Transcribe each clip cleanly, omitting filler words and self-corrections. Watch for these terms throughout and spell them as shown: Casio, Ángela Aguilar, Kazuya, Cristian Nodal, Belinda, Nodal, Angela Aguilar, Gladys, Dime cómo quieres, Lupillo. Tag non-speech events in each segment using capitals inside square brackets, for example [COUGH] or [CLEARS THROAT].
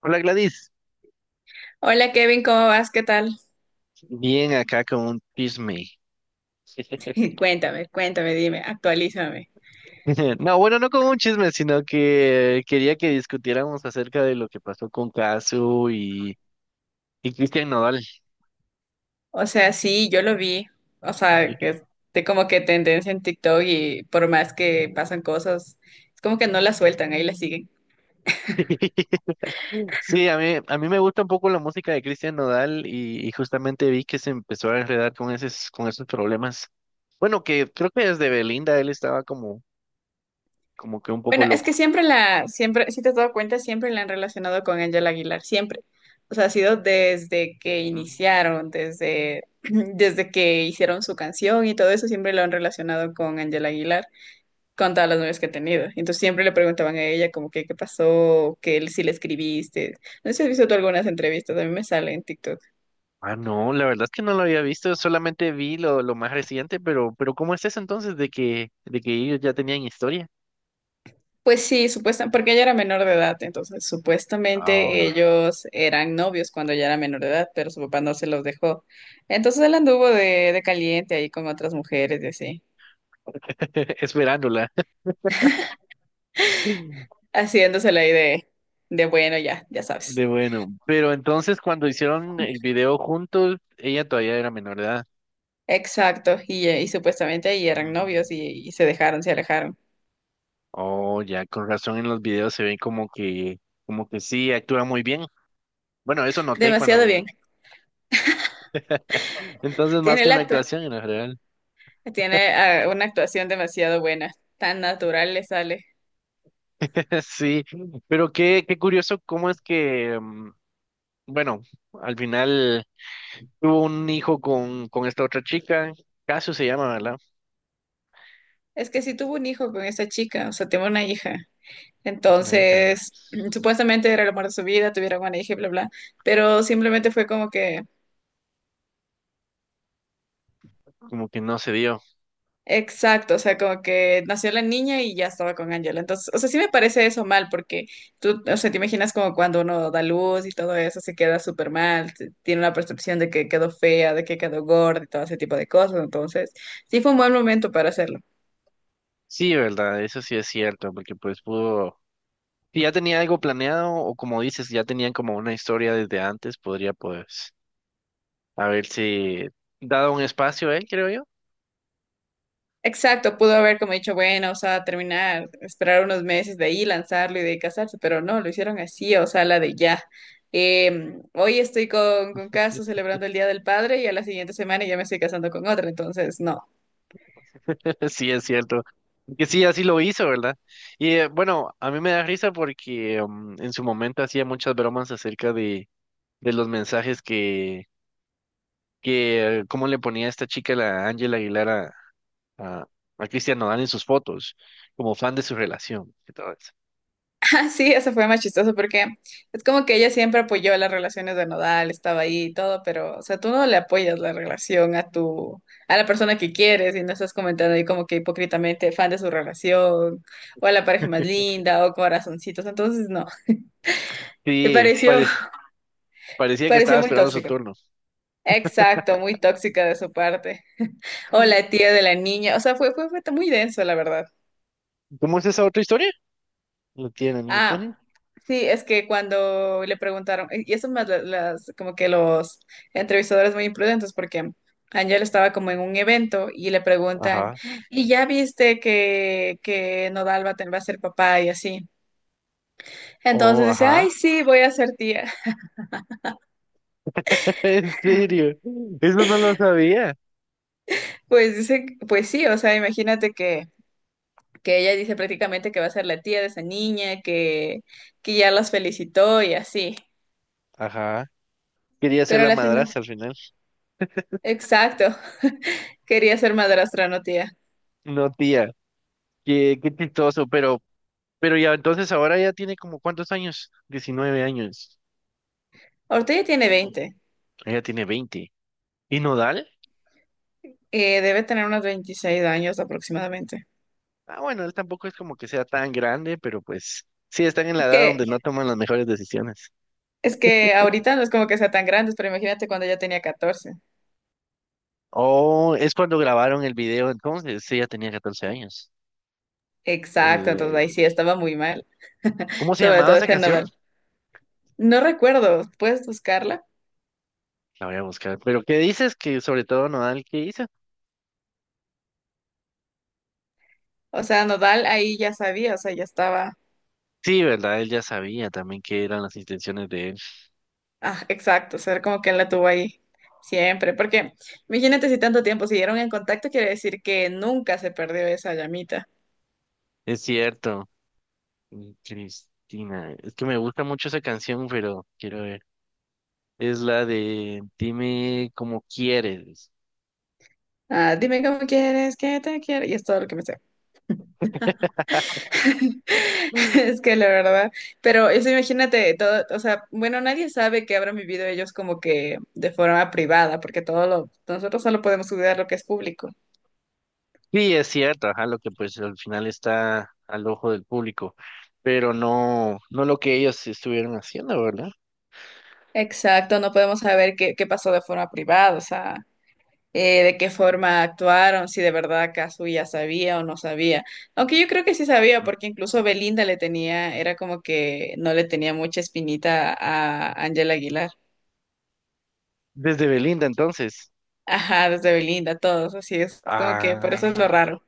Hola, Gladys, Hola Kevin, ¿cómo vas? ¿Qué tal? bien acá con un chisme. [LAUGHS] Cuéntame, cuéntame, dime, actualízame. [LAUGHS] No, bueno, no con un chisme, sino que quería que discutiéramos acerca de lo que pasó con Casu y Cristian Nodal. O sea, sí, yo lo vi. O Y- sea, que es de como que tendencia en TikTok y por más que pasan cosas, es como que no la sueltan, ahí la siguen. [LAUGHS] Sí, a mí me gusta un poco la música de Cristian Nodal y justamente vi que se empezó a enredar con esos problemas. Bueno, que creo que desde Belinda él estaba como, como que un poco Bueno, es loco. que siempre, si te has dado cuenta, siempre la han relacionado con Angela Aguilar, siempre. O sea, ha sido desde que iniciaron, [CLEARS THROAT] desde que hicieron su canción y todo eso, siempre lo han relacionado con Angela Aguilar, con todas las novias que he tenido. Entonces siempre le preguntaban a ella como que qué pasó, que si le escribiste. No sé si has visto tú algunas entrevistas, a mí me sale en TikTok. Ah, no, la verdad es que no lo había visto, solamente vi lo más reciente, pero ¿cómo es eso entonces de que ellos ya tenían historia? Pues sí, supuestamente, porque ella era menor de edad, entonces supuestamente Oh. ellos eran novios cuando ella era menor de edad, pero su papá no se los dejó. Entonces él anduvo de caliente ahí con otras mujeres y así, [LAUGHS] Esperándola. [LAUGHS] haciéndosela ahí de bueno, ya, ya sabes. De bueno, pero entonces cuando hicieron el video juntos, ella todavía era menor de edad. Exacto, y supuestamente ahí eran novios Mm. y se dejaron, se alejaron. Oh, ya, con razón en los videos se ve como que sí, actúa muy bien. Bueno, eso noté Demasiado cuando, bien. entonces más Tiene que el una acto. actuación en general. Tiene una actuación demasiado buena, tan natural le sale. [LAUGHS] Sí, pero qué, qué curioso cómo es que, bueno, al final tuvo un hijo con esta otra chica. Casio se llama, ¿verdad? Es que sí tuvo un hijo con esa chica, o sea, tuvo una hija. Es una hija, Entonces, [CLEARS THROAT] supuestamente era el amor de su vida, tuvieron una hija y bla, bla. Pero simplemente fue como que, como que no se dio. exacto, o sea, como que nació la niña y ya estaba con Angela. Entonces, o sea, sí me parece eso mal, porque tú, o sea, te imaginas como cuando uno da luz y todo eso se queda súper mal, tiene una percepción de que quedó fea, de que quedó gorda y todo ese tipo de cosas. Entonces, sí fue un buen momento para hacerlo. Sí, ¿verdad? Eso sí es cierto, porque pues pudo, si ya tenía algo planeado o como dices, ya tenían como una historia desde antes, podría pues haberse dado un espacio a él, creo yo. Exacto, pudo haber como dicho, bueno, o sea, terminar, esperar unos meses de ahí, lanzarlo y de ahí casarse, pero no, lo hicieron así, o sea, la de ya. Hoy estoy con Caso celebrando el Día del Padre y a la siguiente semana ya me estoy casando con otra, entonces no. [LAUGHS] [LAUGHS] Sí, es cierto. Que sí, así lo hizo, ¿verdad? Y bueno, a mí me da risa porque en su momento hacía muchas bromas acerca de los mensajes que, cómo le ponía esta chica, la Ángela Aguilar a, a Cristian Nodal en sus fotos, como fan de su relación y todo eso. Ah, sí, eso fue más chistoso porque es como que ella siempre apoyó las relaciones de nodal, estaba ahí y todo, pero, o sea, tú no le apoyas la relación a la persona que quieres y no estás comentando ahí como que hipócritamente fan de su relación o a la pareja más [LAUGHS] linda o corazoncitos, entonces no. Me Sí, pareció, parecía que pareció estaba muy esperando su tóxico. turno. Exacto, muy tóxica de su parte. O Sí. la tía de la niña. O sea, fue muy denso, la verdad. ¿Cómo es esa otra historia? No tiene la niña, ¿cómo se llama? Ah, sí, es que cuando le preguntaron, y eso más las, como que los entrevistadores muy imprudentes, porque Angel estaba como en un evento y le preguntan, Ajá. ¿y ya viste que Nodal va a ser papá y así? Entonces Oh, dice, ajá. ay, sí, voy a ser tía. [LAUGHS] [LAUGHS] ¿En serio? Eso no lo sabía. Pues dice, pues sí, o sea, imagínate que ella dice prácticamente que va a ser la tía de esa niña, que ya las felicitó y así. Ajá. Quería ser Pero a la la final, madrastra al final. exacto, quería ser madrastra, no tía. No, tía. Qué, qué chistoso, pero ya entonces ahora ya tiene como ¿cuántos años? 19 años. Ahorita ya tiene 20. Ella tiene 20. ¿Y Nodal? Debe tener unos 26 años aproximadamente. Ah, bueno, él tampoco es como que sea tan grande, pero pues sí están en la edad Que, donde no toman las mejores decisiones. es que ahorita no es como que sea tan grande, pero imagínate cuando ella tenía 14. Oh, es cuando grabaron el video entonces, sí, ya tenía 14 años. Exacto, El, entonces ahí el- sí estaba muy mal, ¿Cómo se sobre llamaba todo esa este canción? Nodal. No recuerdo, ¿puedes buscarla? La voy a buscar. Pero ¿qué dices que sobre todo Nodal qué hizo? O sea, Nodal ahí ya sabía, o sea, ya estaba. Sí, ¿verdad? Él ya sabía también qué eran las intenciones de él. Ah, exacto, ser como que él la tuvo ahí siempre, porque imagínate si tanto tiempo siguieron en contacto, quiere decir que nunca se perdió esa llamita. Es cierto, Cristina. Es que me gusta mucho esa canción, pero quiero ver. Es la de Dime cómo quieres. Ah, dime cómo quieres, que te quiero, y es todo lo que me sé. [LAUGHS] [LAUGHS] Es que la verdad, pero eso imagínate todo, o sea, bueno, nadie sabe que habrán vivido ellos como que de forma privada, porque nosotros solo podemos cuidar lo que es público. Sí, es cierto, ajá, lo que pues al final está al ojo del público, pero no, no lo que ellos estuvieron haciendo, ¿verdad? Exacto, no podemos saber qué pasó de forma privada, o sea. De qué forma actuaron, si de verdad Kazuya sabía o no sabía. Aunque yo creo que sí sabía, Ujú. porque incluso Belinda le tenía, era como que no le tenía mucha espinita a Ángela Aguilar. Desde Belinda entonces. Ajá, desde Belinda, todos, así es como que por eso Ah, es lo raro.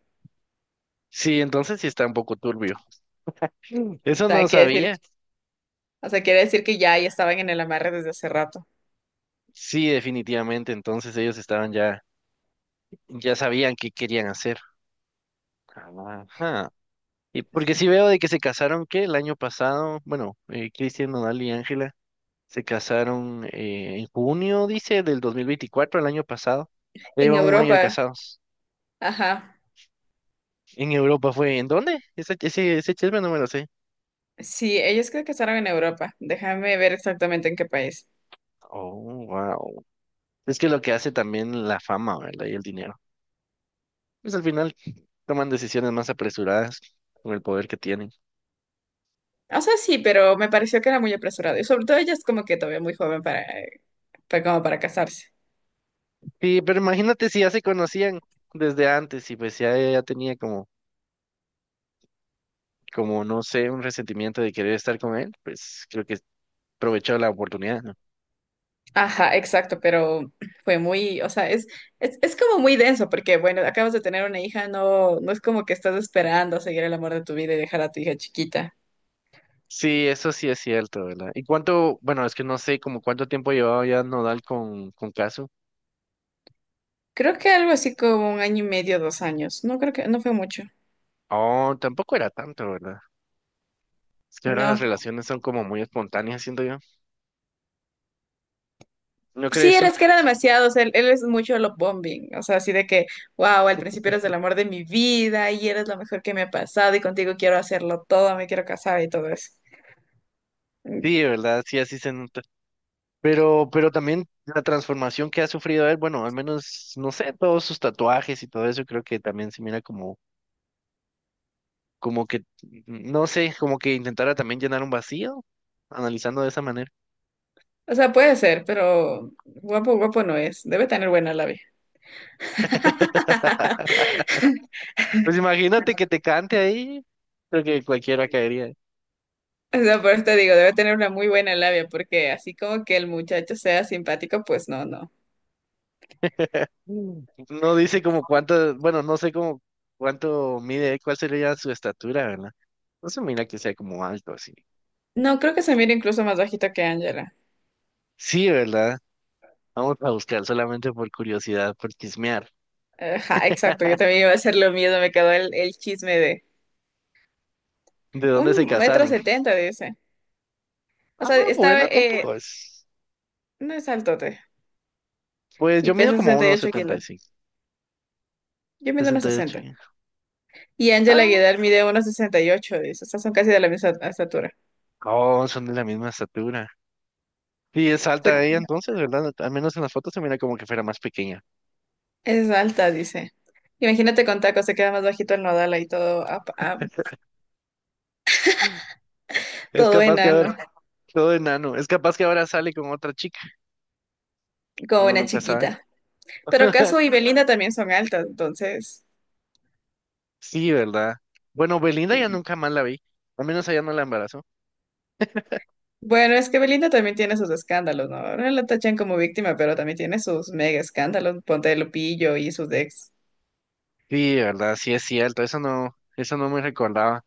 sí, entonces sí está un poco turbio. O Eso sea, no quiere decir, sabía. o sea, quiere decir que ya estaban en el amarre desde hace rato. Sí, definitivamente, entonces ellos estaban ya, ya sabían qué querían hacer. Ajá. Y porque sí veo de que se casaron, ¿qué? El año pasado, bueno, Cristian Nodal y Ángela. Se casaron en junio, dice, del 2024 el año pasado. Ya En llevan un año de Europa, casados. ajá. En Europa fue. ¿En dónde? Ese chisme no me lo sé. Sí, ellos creo que estaban en Europa. Déjame ver exactamente en qué país. Oh, wow. Es que lo que hace también la fama, ¿verdad? Y el dinero. Pues al final toman decisiones más apresuradas con el poder que tienen. O sea, sí, pero me pareció que era muy apresurado. Y sobre todo ella es como que todavía muy joven para. Fue como para casarse. Sí, pero imagínate si ya se conocían desde antes y pues ya, ya tenía como, como, no sé, un resentimiento de querer estar con él, pues creo que aprovechó la oportunidad, ¿no? Ajá, exacto, pero fue muy, o sea, es como muy denso porque, bueno, acabas de tener una hija, no, no es como que estás esperando a seguir el amor de tu vida y dejar a tu hija chiquita. Sí, eso sí es cierto, ¿verdad? ¿Y cuánto, bueno, es que no sé como cuánto tiempo llevaba ya Nodal con Caso? Creo que algo así como un año y medio, 2 años. No creo que, no fue mucho. Oh, tampoco era tanto, ¿verdad? Es que ahora las No. relaciones son como muy espontáneas, siento yo. ¿No Sí, crees tú? es que era demasiado, o sea, él es mucho love bombing, o sea, así de que, wow, al principio eres el amor de mi vida y eres lo mejor que me ha pasado y contigo quiero hacerlo todo, me quiero casar y todo eso. Sí, de ¿verdad? Sí, así se nota. Pero también la transformación que ha sufrido él, bueno, al menos, no sé, todos sus tatuajes y todo eso, creo que también se mira como, como que, no sé, como que intentara también llenar un vacío, analizando de esa manera. O sea, puede ser, pero guapo, guapo no es. Debe tener buena labia. [LAUGHS] [LAUGHS] Pues imagínate que te cante ahí. Creo que cualquiera caería. O sea, por eso te digo, debe tener una muy buena labia, porque así como que el muchacho sea simpático, pues no, no. Mm. No dice como cuánto, bueno, no sé como cuánto mide, cuál sería su estatura, ¿verdad? No se mira que sea como alto así. No, creo que se mira incluso más bajito que Angela. Sí, ¿verdad? Vamos a buscar solamente por curiosidad, por chismear. Ajá, exacto, yo también iba a hacer lo mismo, me quedó el chisme de ¿De dónde se un metro casaron? setenta, dice. O Ah, sea, bueno, tampoco es. no es altote, Pues y yo mido pesa como 68 kilos. 1,75, Yo mido unos 68. 60. Ya. Y Angela Ah, Aguilar mide unos 68, dice. O sea, son casi de la misma estatura. oh, son de la misma estatura. Y es O sea, alta ella entonces, ¿verdad? Al menos en las fotos se mira como que fuera más pequeña. es alta, dice. Imagínate con tacos, se queda más bajito el nodal ahí todo, [LAUGHS] Es todo capaz que haber enano, todo enano. Es capaz que ahora sale con otra chica. como Uno una nunca sabe. chiquita. Pero [LAUGHS] Caso y Belinda también son altas, entonces. Sí, ¿verdad? Bueno, Belinda ya nunca más la vi. Al menos allá no la embarazó. Bueno, es que Belinda también tiene sus escándalos, ¿no? Ahora la tachan como víctima, pero también tiene sus mega escándalos, ponte de Lupillo y sus ex. Sí, ¿verdad? Sí es cierto. Eso no me recordaba.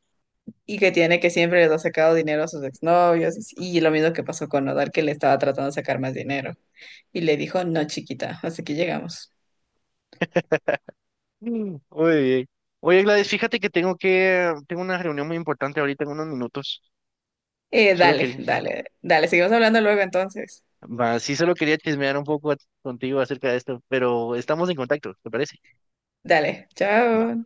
Y que tiene que siempre les ha sacado dinero a sus exnovios. Y lo mismo que pasó con Nodal, que le estaba tratando de sacar más dinero. Y le dijo, no, chiquita, hasta aquí llegamos. Mm, muy bien. Oye, Gladys, fíjate que, tengo una reunión muy importante ahorita en unos minutos. Solo Dale, quería, dale, dale, seguimos hablando luego entonces. va, sí, solo quería chismear un poco contigo acerca de esto, pero estamos en contacto, ¿te parece? Dale, Va. chao.